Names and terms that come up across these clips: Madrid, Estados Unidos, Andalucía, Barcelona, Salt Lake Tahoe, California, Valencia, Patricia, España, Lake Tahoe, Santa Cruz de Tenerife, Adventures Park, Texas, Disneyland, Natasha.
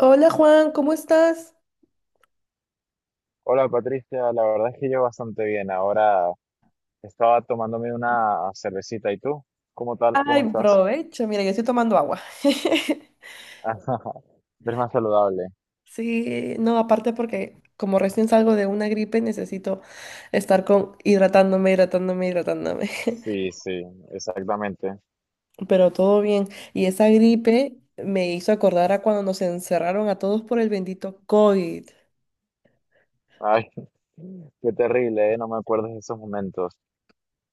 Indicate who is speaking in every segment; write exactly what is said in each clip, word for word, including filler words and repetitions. Speaker 1: Hola Juan, ¿cómo estás?
Speaker 2: Hola Patricia, la verdad es que yo bastante bien. Ahora estaba tomándome una cervecita. ¿Y tú? ¿Cómo tal?
Speaker 1: Ay,
Speaker 2: ¿Cómo estás?
Speaker 1: provecho, mira, yo estoy tomando agua.
Speaker 2: Eres más saludable.
Speaker 1: Sí, no, aparte porque como recién salgo de una gripe necesito estar con hidratándome, hidratándome, hidratándome.
Speaker 2: Sí, sí, exactamente.
Speaker 1: Pero todo bien. Y esa gripe me hizo acordar a cuando nos encerraron a todos por el bendito COVID.
Speaker 2: Ay, qué terrible, ¿eh? No me acuerdo de esos momentos.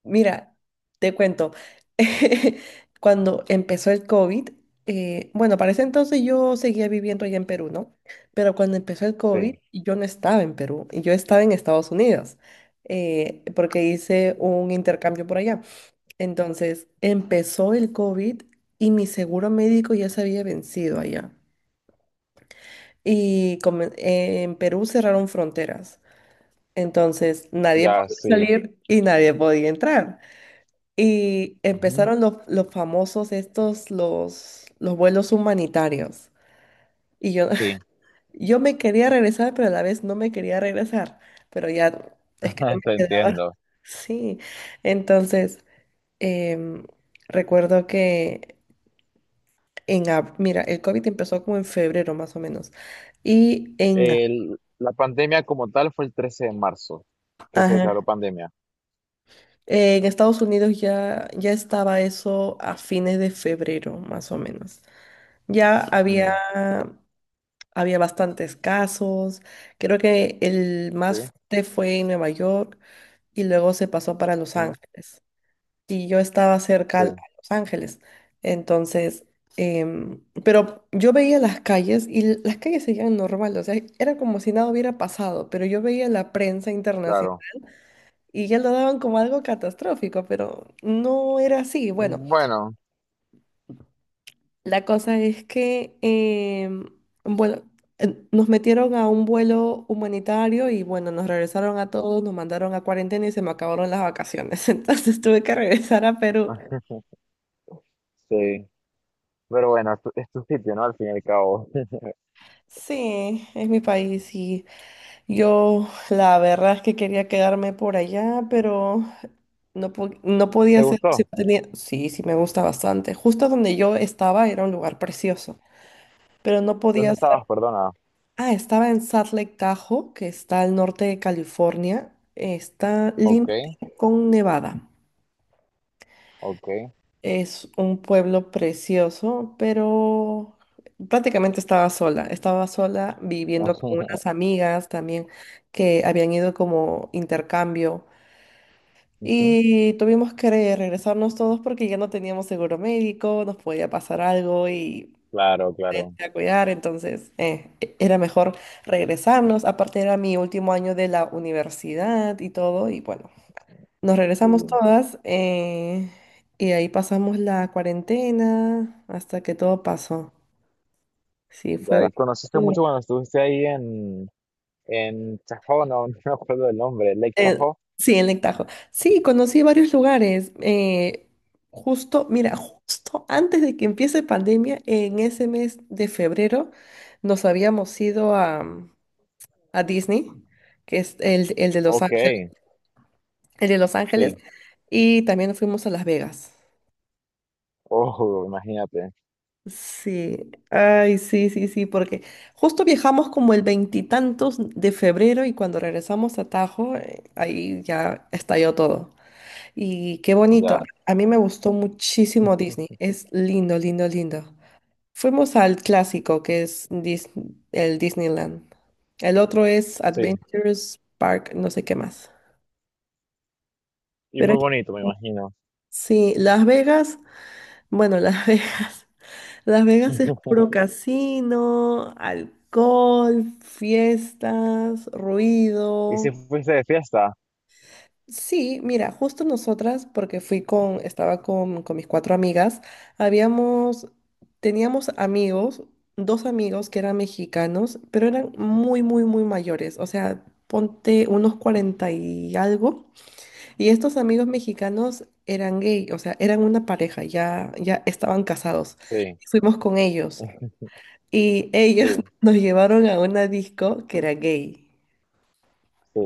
Speaker 1: Mira, te cuento, cuando empezó el COVID, eh, bueno, para ese entonces yo seguía viviendo allá en Perú, ¿no? Pero cuando empezó el COVID,
Speaker 2: Sí,
Speaker 1: yo no estaba en Perú, yo estaba en Estados Unidos, eh, porque hice un intercambio por allá. Entonces, empezó el COVID y mi seguro médico ya se había vencido allá. Y come- en Perú cerraron fronteras, entonces nadie
Speaker 2: ya
Speaker 1: podía
Speaker 2: sí.
Speaker 1: salir y nadie podía entrar. Y
Speaker 2: Ujú,
Speaker 1: empezaron los, los famosos estos, los, los vuelos humanitarios. Y yo,
Speaker 2: sí,
Speaker 1: yo me quería regresar, pero a la vez no me quería regresar. Pero ya es que no me
Speaker 2: te
Speaker 1: quedaba.
Speaker 2: entiendo.
Speaker 1: Sí. Entonces, em, recuerdo que en... ab- Mira, el COVID empezó como en febrero más o menos. Y en,
Speaker 2: El- la pandemia como tal fue el trece de marzo que se
Speaker 1: ajá,
Speaker 2: declaró pandemia.
Speaker 1: en Estados Unidos ya, ya estaba eso a fines de febrero más o menos. Ya había
Speaker 2: Mm,
Speaker 1: Había bastantes casos. Creo que el
Speaker 2: sí,
Speaker 1: más fuerte fue en Nueva York y luego se pasó para Los
Speaker 2: mm,
Speaker 1: Ángeles. Y yo estaba cerca
Speaker 2: sí,
Speaker 1: al- a Los Ángeles. Entonces, em, pero yo veía las calles y l- las calles seguían normal. O sea, era como si nada hubiera pasado, pero yo veía la prensa internacional
Speaker 2: claro.
Speaker 1: y ya lo daban como algo catastrófico, pero no era así. Bueno.
Speaker 2: Bueno,
Speaker 1: La cosa es que, em, bueno, eh, nos metieron a un vuelo humanitario y bueno, nos regresaron a todos, nos mandaron a cuarentena y se me acabaron las vacaciones. Entonces tuve que regresar a Perú.
Speaker 2: sí. Pero bueno, es tu, es tu sitio, ¿no? Al fin y al cabo.
Speaker 1: Sí, es mi país y yo la verdad es que quería quedarme por allá, pero no, po- no podía
Speaker 2: ¿Te
Speaker 1: hacerlo si
Speaker 2: gustó?
Speaker 1: no tenía. Sí, sí, me gusta bastante. Justo donde yo estaba era un lugar precioso, pero no
Speaker 2: ¿Dónde
Speaker 1: podía.
Speaker 2: estabas? Perdona.
Speaker 1: Ah, estaba en Salt Lake Tahoe, que está al norte de California. Está
Speaker 2: Ok,
Speaker 1: límite con Nevada.
Speaker 2: ok.
Speaker 1: Es un pueblo precioso, pero prácticamente estaba sola. Estaba sola viviendo con unas amigas también que habían ido como intercambio.
Speaker 2: Ujú.
Speaker 1: Y tuvimos que regresarnos todos porque ya no teníamos seguro médico, nos podía pasar algo y
Speaker 2: Claro, claro.
Speaker 1: gente a cuidar, entonces eh, e- era mejor regresarnos. Aparte era mi último año de la universidad y todo, y bueno, nos regresamos
Speaker 2: Sí.
Speaker 1: todas eh, y ahí pasamos la cuarentena hasta que todo pasó. Sí, fue
Speaker 2: Ya, y
Speaker 1: bastante
Speaker 2: conociste
Speaker 1: duro.
Speaker 2: mucho cuando estuviste ahí en, en Tahoe, no, no me acuerdo el nombre, Lake
Speaker 1: Eh,
Speaker 2: Tahoe.
Speaker 1: sí, en Lectajo. Sí, conocí varios lugares. eh, justo, mira, justo antes de que empiece pandemia, en ese mes de febrero, nos habíamos ido a... a Disney, que es el, el de Los
Speaker 2: Ok,
Speaker 1: Ángeles, el de Los Ángeles,
Speaker 2: sí.
Speaker 1: y también fuimos a Las Vegas.
Speaker 2: Oh, imagínate.
Speaker 1: Sí, ay, sí, sí, sí, porque justo viajamos como el veintitantos de febrero y cuando regresamos a Tajo, eh, ahí ya estalló todo. Y qué bonito,
Speaker 2: Ya,
Speaker 1: a mí me gustó muchísimo Disney, es lindo, lindo, lindo. Fuimos al clásico que es Dis- el Disneyland. El otro es
Speaker 2: sí.
Speaker 1: Adventures Park, no sé qué más.
Speaker 2: Y
Speaker 1: Pero
Speaker 2: muy
Speaker 1: es
Speaker 2: bonito, me imagino.
Speaker 1: Sí, Las Vegas, bueno, Las Vegas, Las Vegas es puro casino, alcohol, fiestas,
Speaker 2: ¿Y si
Speaker 1: ruido.
Speaker 2: fuiste de fiesta?
Speaker 1: Sí, mira, justo nosotras, porque fui con, estaba con, con mis cuatro amigas, habíamos, teníamos amigos, dos amigos que eran mexicanos, pero eran muy, muy, muy mayores, o sea, ponte unos cuarenta y algo. Y estos amigos mexicanos eran gay, o sea, eran una pareja, ya, ya estaban casados.
Speaker 2: Sí,
Speaker 1: Fuimos con ellos y
Speaker 2: sí,
Speaker 1: ellos nos llevaron a una disco que era gay,
Speaker 2: sí.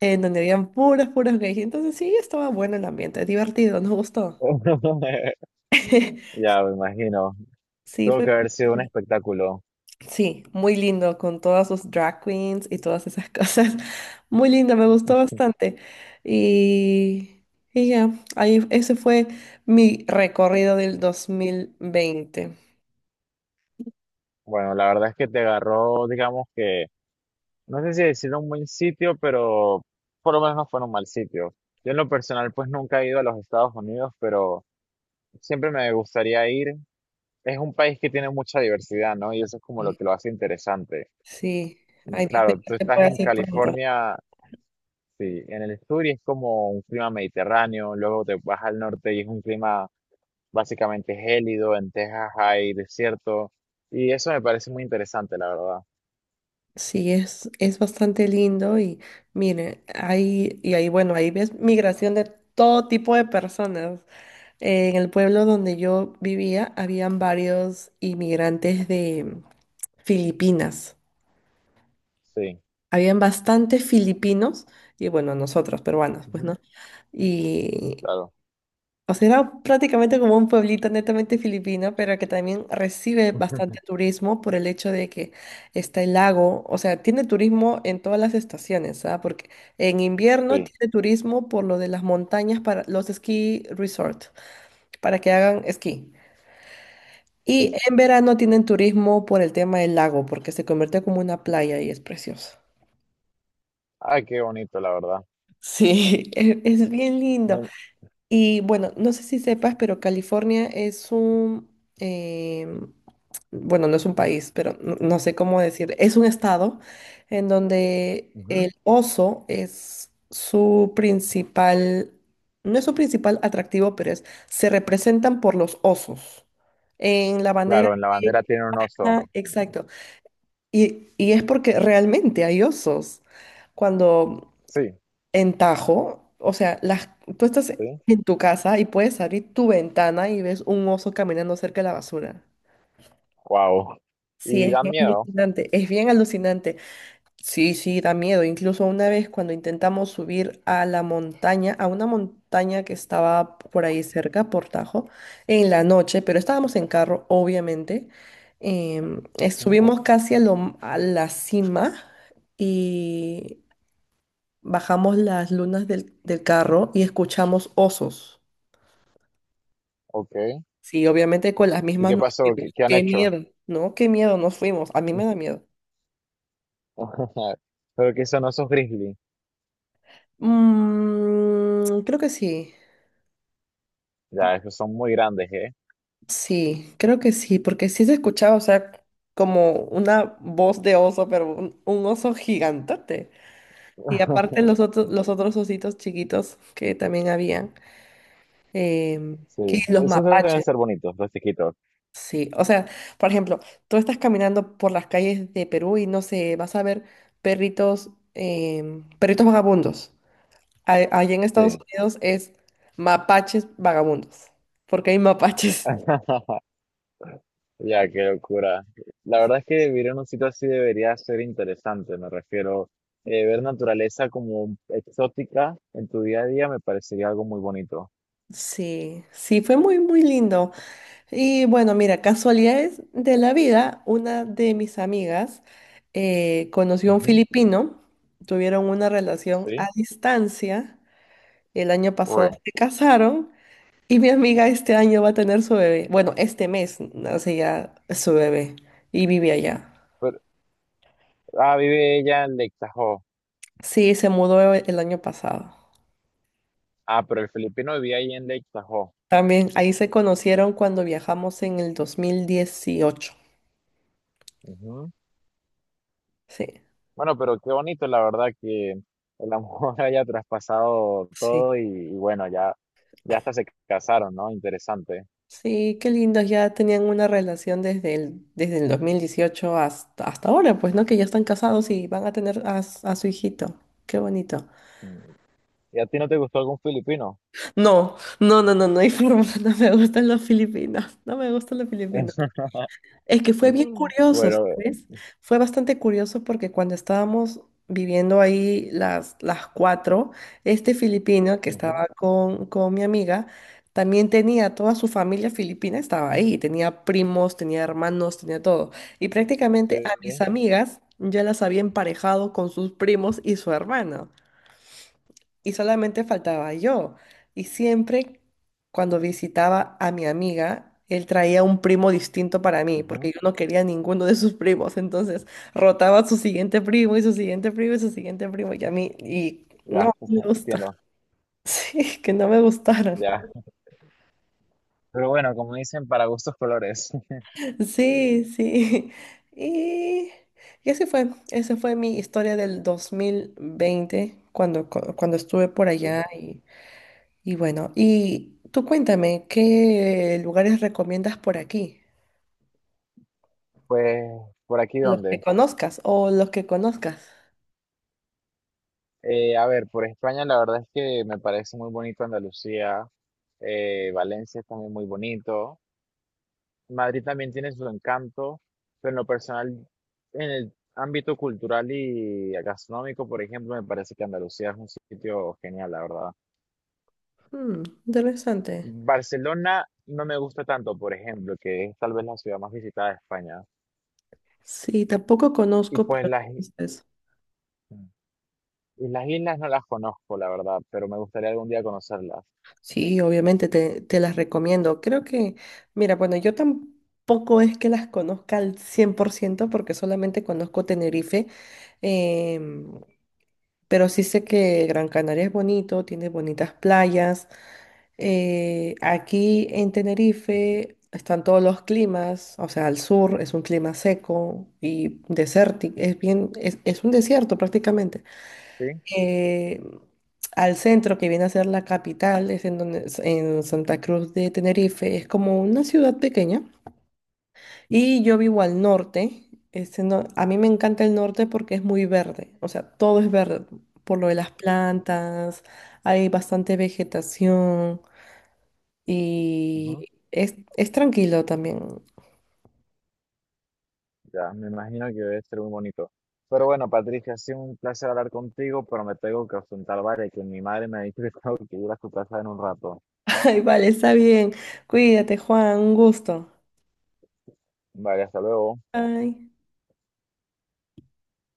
Speaker 1: en donde habían puras, puras gays. Entonces sí, estaba bueno el ambiente, divertido, nos gustó.
Speaker 2: Ya, me imagino.
Speaker 1: Sí,
Speaker 2: Tuvo
Speaker 1: fue
Speaker 2: que
Speaker 1: bien.
Speaker 2: haber sido un espectáculo.
Speaker 1: Sí, muy lindo, con todas sus drag queens y todas esas cosas. Muy lindo, me gustó bastante. Y, y ya, ahí, ese fue mi recorrido del dos mil veinte.
Speaker 2: Bueno, la verdad es que te agarró, digamos que, no sé si decir un buen sitio, pero por lo menos no fue en un mal sitio. Yo en lo personal pues nunca he ido a los Estados Unidos, pero siempre me gustaría ir. Es un país que tiene mucha diversidad, ¿no? Y eso es como lo que lo hace interesante.
Speaker 1: Sí,
Speaker 2: Y
Speaker 1: ay Dios mío,
Speaker 2: claro, tú
Speaker 1: que se
Speaker 2: estás
Speaker 1: puede
Speaker 2: en
Speaker 1: hacer pronto.
Speaker 2: California, sí, en el sur y es como un clima mediterráneo, luego te vas al norte y es un clima básicamente gélido, en Texas hay desierto, y eso me parece muy interesante, la verdad.
Speaker 1: Sí, es, es bastante lindo y mire, hay, y ahí, bueno, ahí ves migración de todo tipo de personas. En el pueblo donde yo vivía, habían varios inmigrantes de Filipinas.
Speaker 2: Sí.
Speaker 1: Habían bastantes filipinos y bueno, nosotros peruanos, pues,
Speaker 2: Ujú.
Speaker 1: ¿no? Y,
Speaker 2: Claro.
Speaker 1: O sea, era prácticamente como un pueblito netamente filipino, pero que también recibe
Speaker 2: Ujú.
Speaker 1: bastante turismo por el hecho de que está el lago. O sea, tiene turismo en todas las estaciones, ¿sabes? Porque en invierno
Speaker 2: Sí,
Speaker 1: tiene turismo por lo de las montañas para los ski resort, para que hagan esquí. Y
Speaker 2: sí.
Speaker 1: en verano tienen turismo por el tema del lago, porque se convierte como una playa y es precioso.
Speaker 2: Ay, qué bonito, la verdad.
Speaker 1: Sí, es, es bien lindo.
Speaker 2: No-
Speaker 1: Y bueno, no sé si sepas, pero California es un, em, bueno, no es un país, pero no, no sé cómo decir, es un estado en donde
Speaker 2: ujú.
Speaker 1: el oso es su principal, no es su principal atractivo, pero es, se representan por los osos en la bandera.
Speaker 2: Claro, en la bandera
Speaker 1: de-
Speaker 2: tiene un oso.
Speaker 1: ah, exacto. Y, y es porque realmente hay osos. Cuando
Speaker 2: Sí,
Speaker 1: en Tajo, o sea, las, tú estás
Speaker 2: sí.
Speaker 1: en tu casa y puedes abrir tu ventana y ves un oso caminando cerca de la basura.
Speaker 2: Wow.
Speaker 1: Sí,
Speaker 2: Y
Speaker 1: es
Speaker 2: dan
Speaker 1: bien
Speaker 2: miedo.
Speaker 1: alucinante, es bien alucinante. Sí, sí, da miedo. Incluso una vez cuando intentamos subir a la montaña, a una montaña que estaba por ahí cerca, por Tajo, en la noche, pero estábamos en carro, obviamente. em, eh,
Speaker 2: Ujú,
Speaker 1: subimos casi a, lo- m- a la cima y bajamos las lunas del, del carro y escuchamos osos.
Speaker 2: ok.
Speaker 1: Sí, obviamente con las
Speaker 2: ¿Y
Speaker 1: mismas
Speaker 2: qué
Speaker 1: nos
Speaker 2: pasó? ¿Qué,
Speaker 1: fuimos.
Speaker 2: qué han
Speaker 1: Qué
Speaker 2: hecho?
Speaker 1: miedo, ¿no? Qué miedo nos fuimos. A mí me da miedo.
Speaker 2: Pero que son osos grizzly.
Speaker 1: Mm, creo que sí.
Speaker 2: Ya, esos son muy grandes, ¿eh?
Speaker 1: Sí, creo que sí, porque sí se escuchaba, o sea, como una voz de oso, pero un, un oso gigantote. Y aparte los otros, los otros ositos chiquitos que también habían, em,
Speaker 2: Sí.
Speaker 1: que los
Speaker 2: Esos deben
Speaker 1: mapaches.
Speaker 2: ser bonitos, los chiquitos.
Speaker 1: Sí, o sea, por ejemplo, tú estás caminando por las calles de Perú y no sé, vas a ver perritos, em, perritos vagabundos. A- Allí en Estados
Speaker 2: Sí.
Speaker 1: Unidos es mapaches vagabundos, porque hay mapaches.
Speaker 2: Ya, qué locura. La verdad es que vivir en un sitio así debería ser interesante, me refiero. Eh, ver naturaleza como exótica en tu día a día me parecería algo muy bonito.
Speaker 1: Sí, sí, fue muy, muy lindo. Y bueno, mira, casualidades de la vida, una de mis amigas eh, conoció a un
Speaker 2: Ujú,
Speaker 1: filipino, tuvieron una relación a
Speaker 2: sí.
Speaker 1: distancia, el año
Speaker 2: Uy,
Speaker 1: pasado se casaron. Y mi amiga este año va a tener su bebé. Bueno, este mes nace ya su bebé y vive allá.
Speaker 2: pero, ah, vive ella en Lake Tahoe.
Speaker 1: Sí, se mudó e- el año pasado.
Speaker 2: Ah, pero el filipino vivía ahí en Lake Tahoe.
Speaker 1: También ahí se conocieron cuando viajamos en el dos mil dieciocho.
Speaker 2: Ujú.
Speaker 1: Sí,
Speaker 2: Bueno, pero qué bonito, la verdad, que el amor haya traspasado
Speaker 1: sí.
Speaker 2: todo y, y bueno, ya, ya hasta se casaron, ¿no? Interesante.
Speaker 1: Sí, qué lindos. Ya tenían una relación desde el, desde el dos mil dieciocho hasta, hasta ahora, pues, ¿no? Que ya están casados y van a tener a, s- a su hijito. Qué bonito.
Speaker 2: Mm. ¿Y a ti no te gustó algún filipino?
Speaker 1: No, no, no, no, no hay forma. No me gustan los filipinos. No me gustan los filipinos. Es que fue bien
Speaker 2: Mm.
Speaker 1: curioso,
Speaker 2: Bueno,
Speaker 1: ¿sabes? Fue bastante curioso porque cuando estábamos viviendo ahí las, las cuatro, este filipino que
Speaker 2: ujú,
Speaker 1: estaba con, con mi amiga, también tenía toda su familia filipina, estaba ahí, tenía primos, tenía hermanos, tenía todo. Y prácticamente a mis
Speaker 2: sí,
Speaker 1: amigas ya las había emparejado con sus primos y su hermano y solamente faltaba yo. Y siempre cuando visitaba a mi amiga, él traía un primo distinto para mí,
Speaker 2: ujú,
Speaker 1: porque yo no quería ninguno de sus primos. Entonces rotaba su siguiente primo y su siguiente primo y su siguiente primo. Y a mí, y no
Speaker 2: ya,
Speaker 1: me gusta.
Speaker 2: entiendo,
Speaker 1: Sí, que no me gustaron.
Speaker 2: ya. Pero bueno, como dicen, para gustos colores.
Speaker 1: Sí, sí. Y, y así fue. Esa fue mi historia del dos mil veinte, cuando, cu- cuando estuve por allá. Y bueno, y tú cuéntame, ¿qué lugares recomiendas por aquí?
Speaker 2: Pues, ¿por aquí
Speaker 1: Los que
Speaker 2: dónde?
Speaker 1: conozcas o los que conozcas.
Speaker 2: Eh, a ver, por España la verdad es que me parece muy bonito Andalucía, eh, Valencia es también muy bonito, Madrid también tiene su encanto, pero en lo personal, en el ámbito cultural y gastronómico, por ejemplo, me parece que Andalucía es un sitio genial, la verdad.
Speaker 1: Hmm, interesante.
Speaker 2: Barcelona no me gusta tanto, por ejemplo, que es tal vez la ciudad más visitada de España.
Speaker 1: Sí, tampoco
Speaker 2: Y
Speaker 1: conozco,
Speaker 2: pues
Speaker 1: pero
Speaker 2: las, i-
Speaker 1: entonces,
Speaker 2: y las islas no las conozco, la verdad, pero me gustaría algún día conocerlas.
Speaker 1: sí, obviamente te, te las recomiendo. Creo que, mira, bueno, yo tampoco es que las conozca al cien por ciento porque solamente conozco Tenerife, em, pero sí sé que Gran Canaria es bonito, tiene bonitas playas. Eh, aquí en Tenerife están todos los climas, o sea, al sur es un clima seco y desértico, es bien, es, es un desierto prácticamente.
Speaker 2: ¿Sí?
Speaker 1: Eh, al centro, que viene a ser la capital, es en donde, en Santa Cruz de Tenerife, es como una ciudad pequeña. Y yo vivo al norte. este no- a mí me encanta el norte porque es muy verde, o sea, todo es verde, por lo de las plantas, hay bastante vegetación. Y
Speaker 2: Ujú.
Speaker 1: es, es tranquilo también.
Speaker 2: Ya, me imagino que debe ser muy bonito. Pero bueno, Patricia, ha sido un placer hablar contigo, pero me tengo que ausentar, vale, que mi madre me ha dicho que tengo que ir a su casa en un rato.
Speaker 1: Ay, vale, está bien. Cuídate, Juan, un gusto.
Speaker 2: Vale, hasta luego.
Speaker 1: Bye.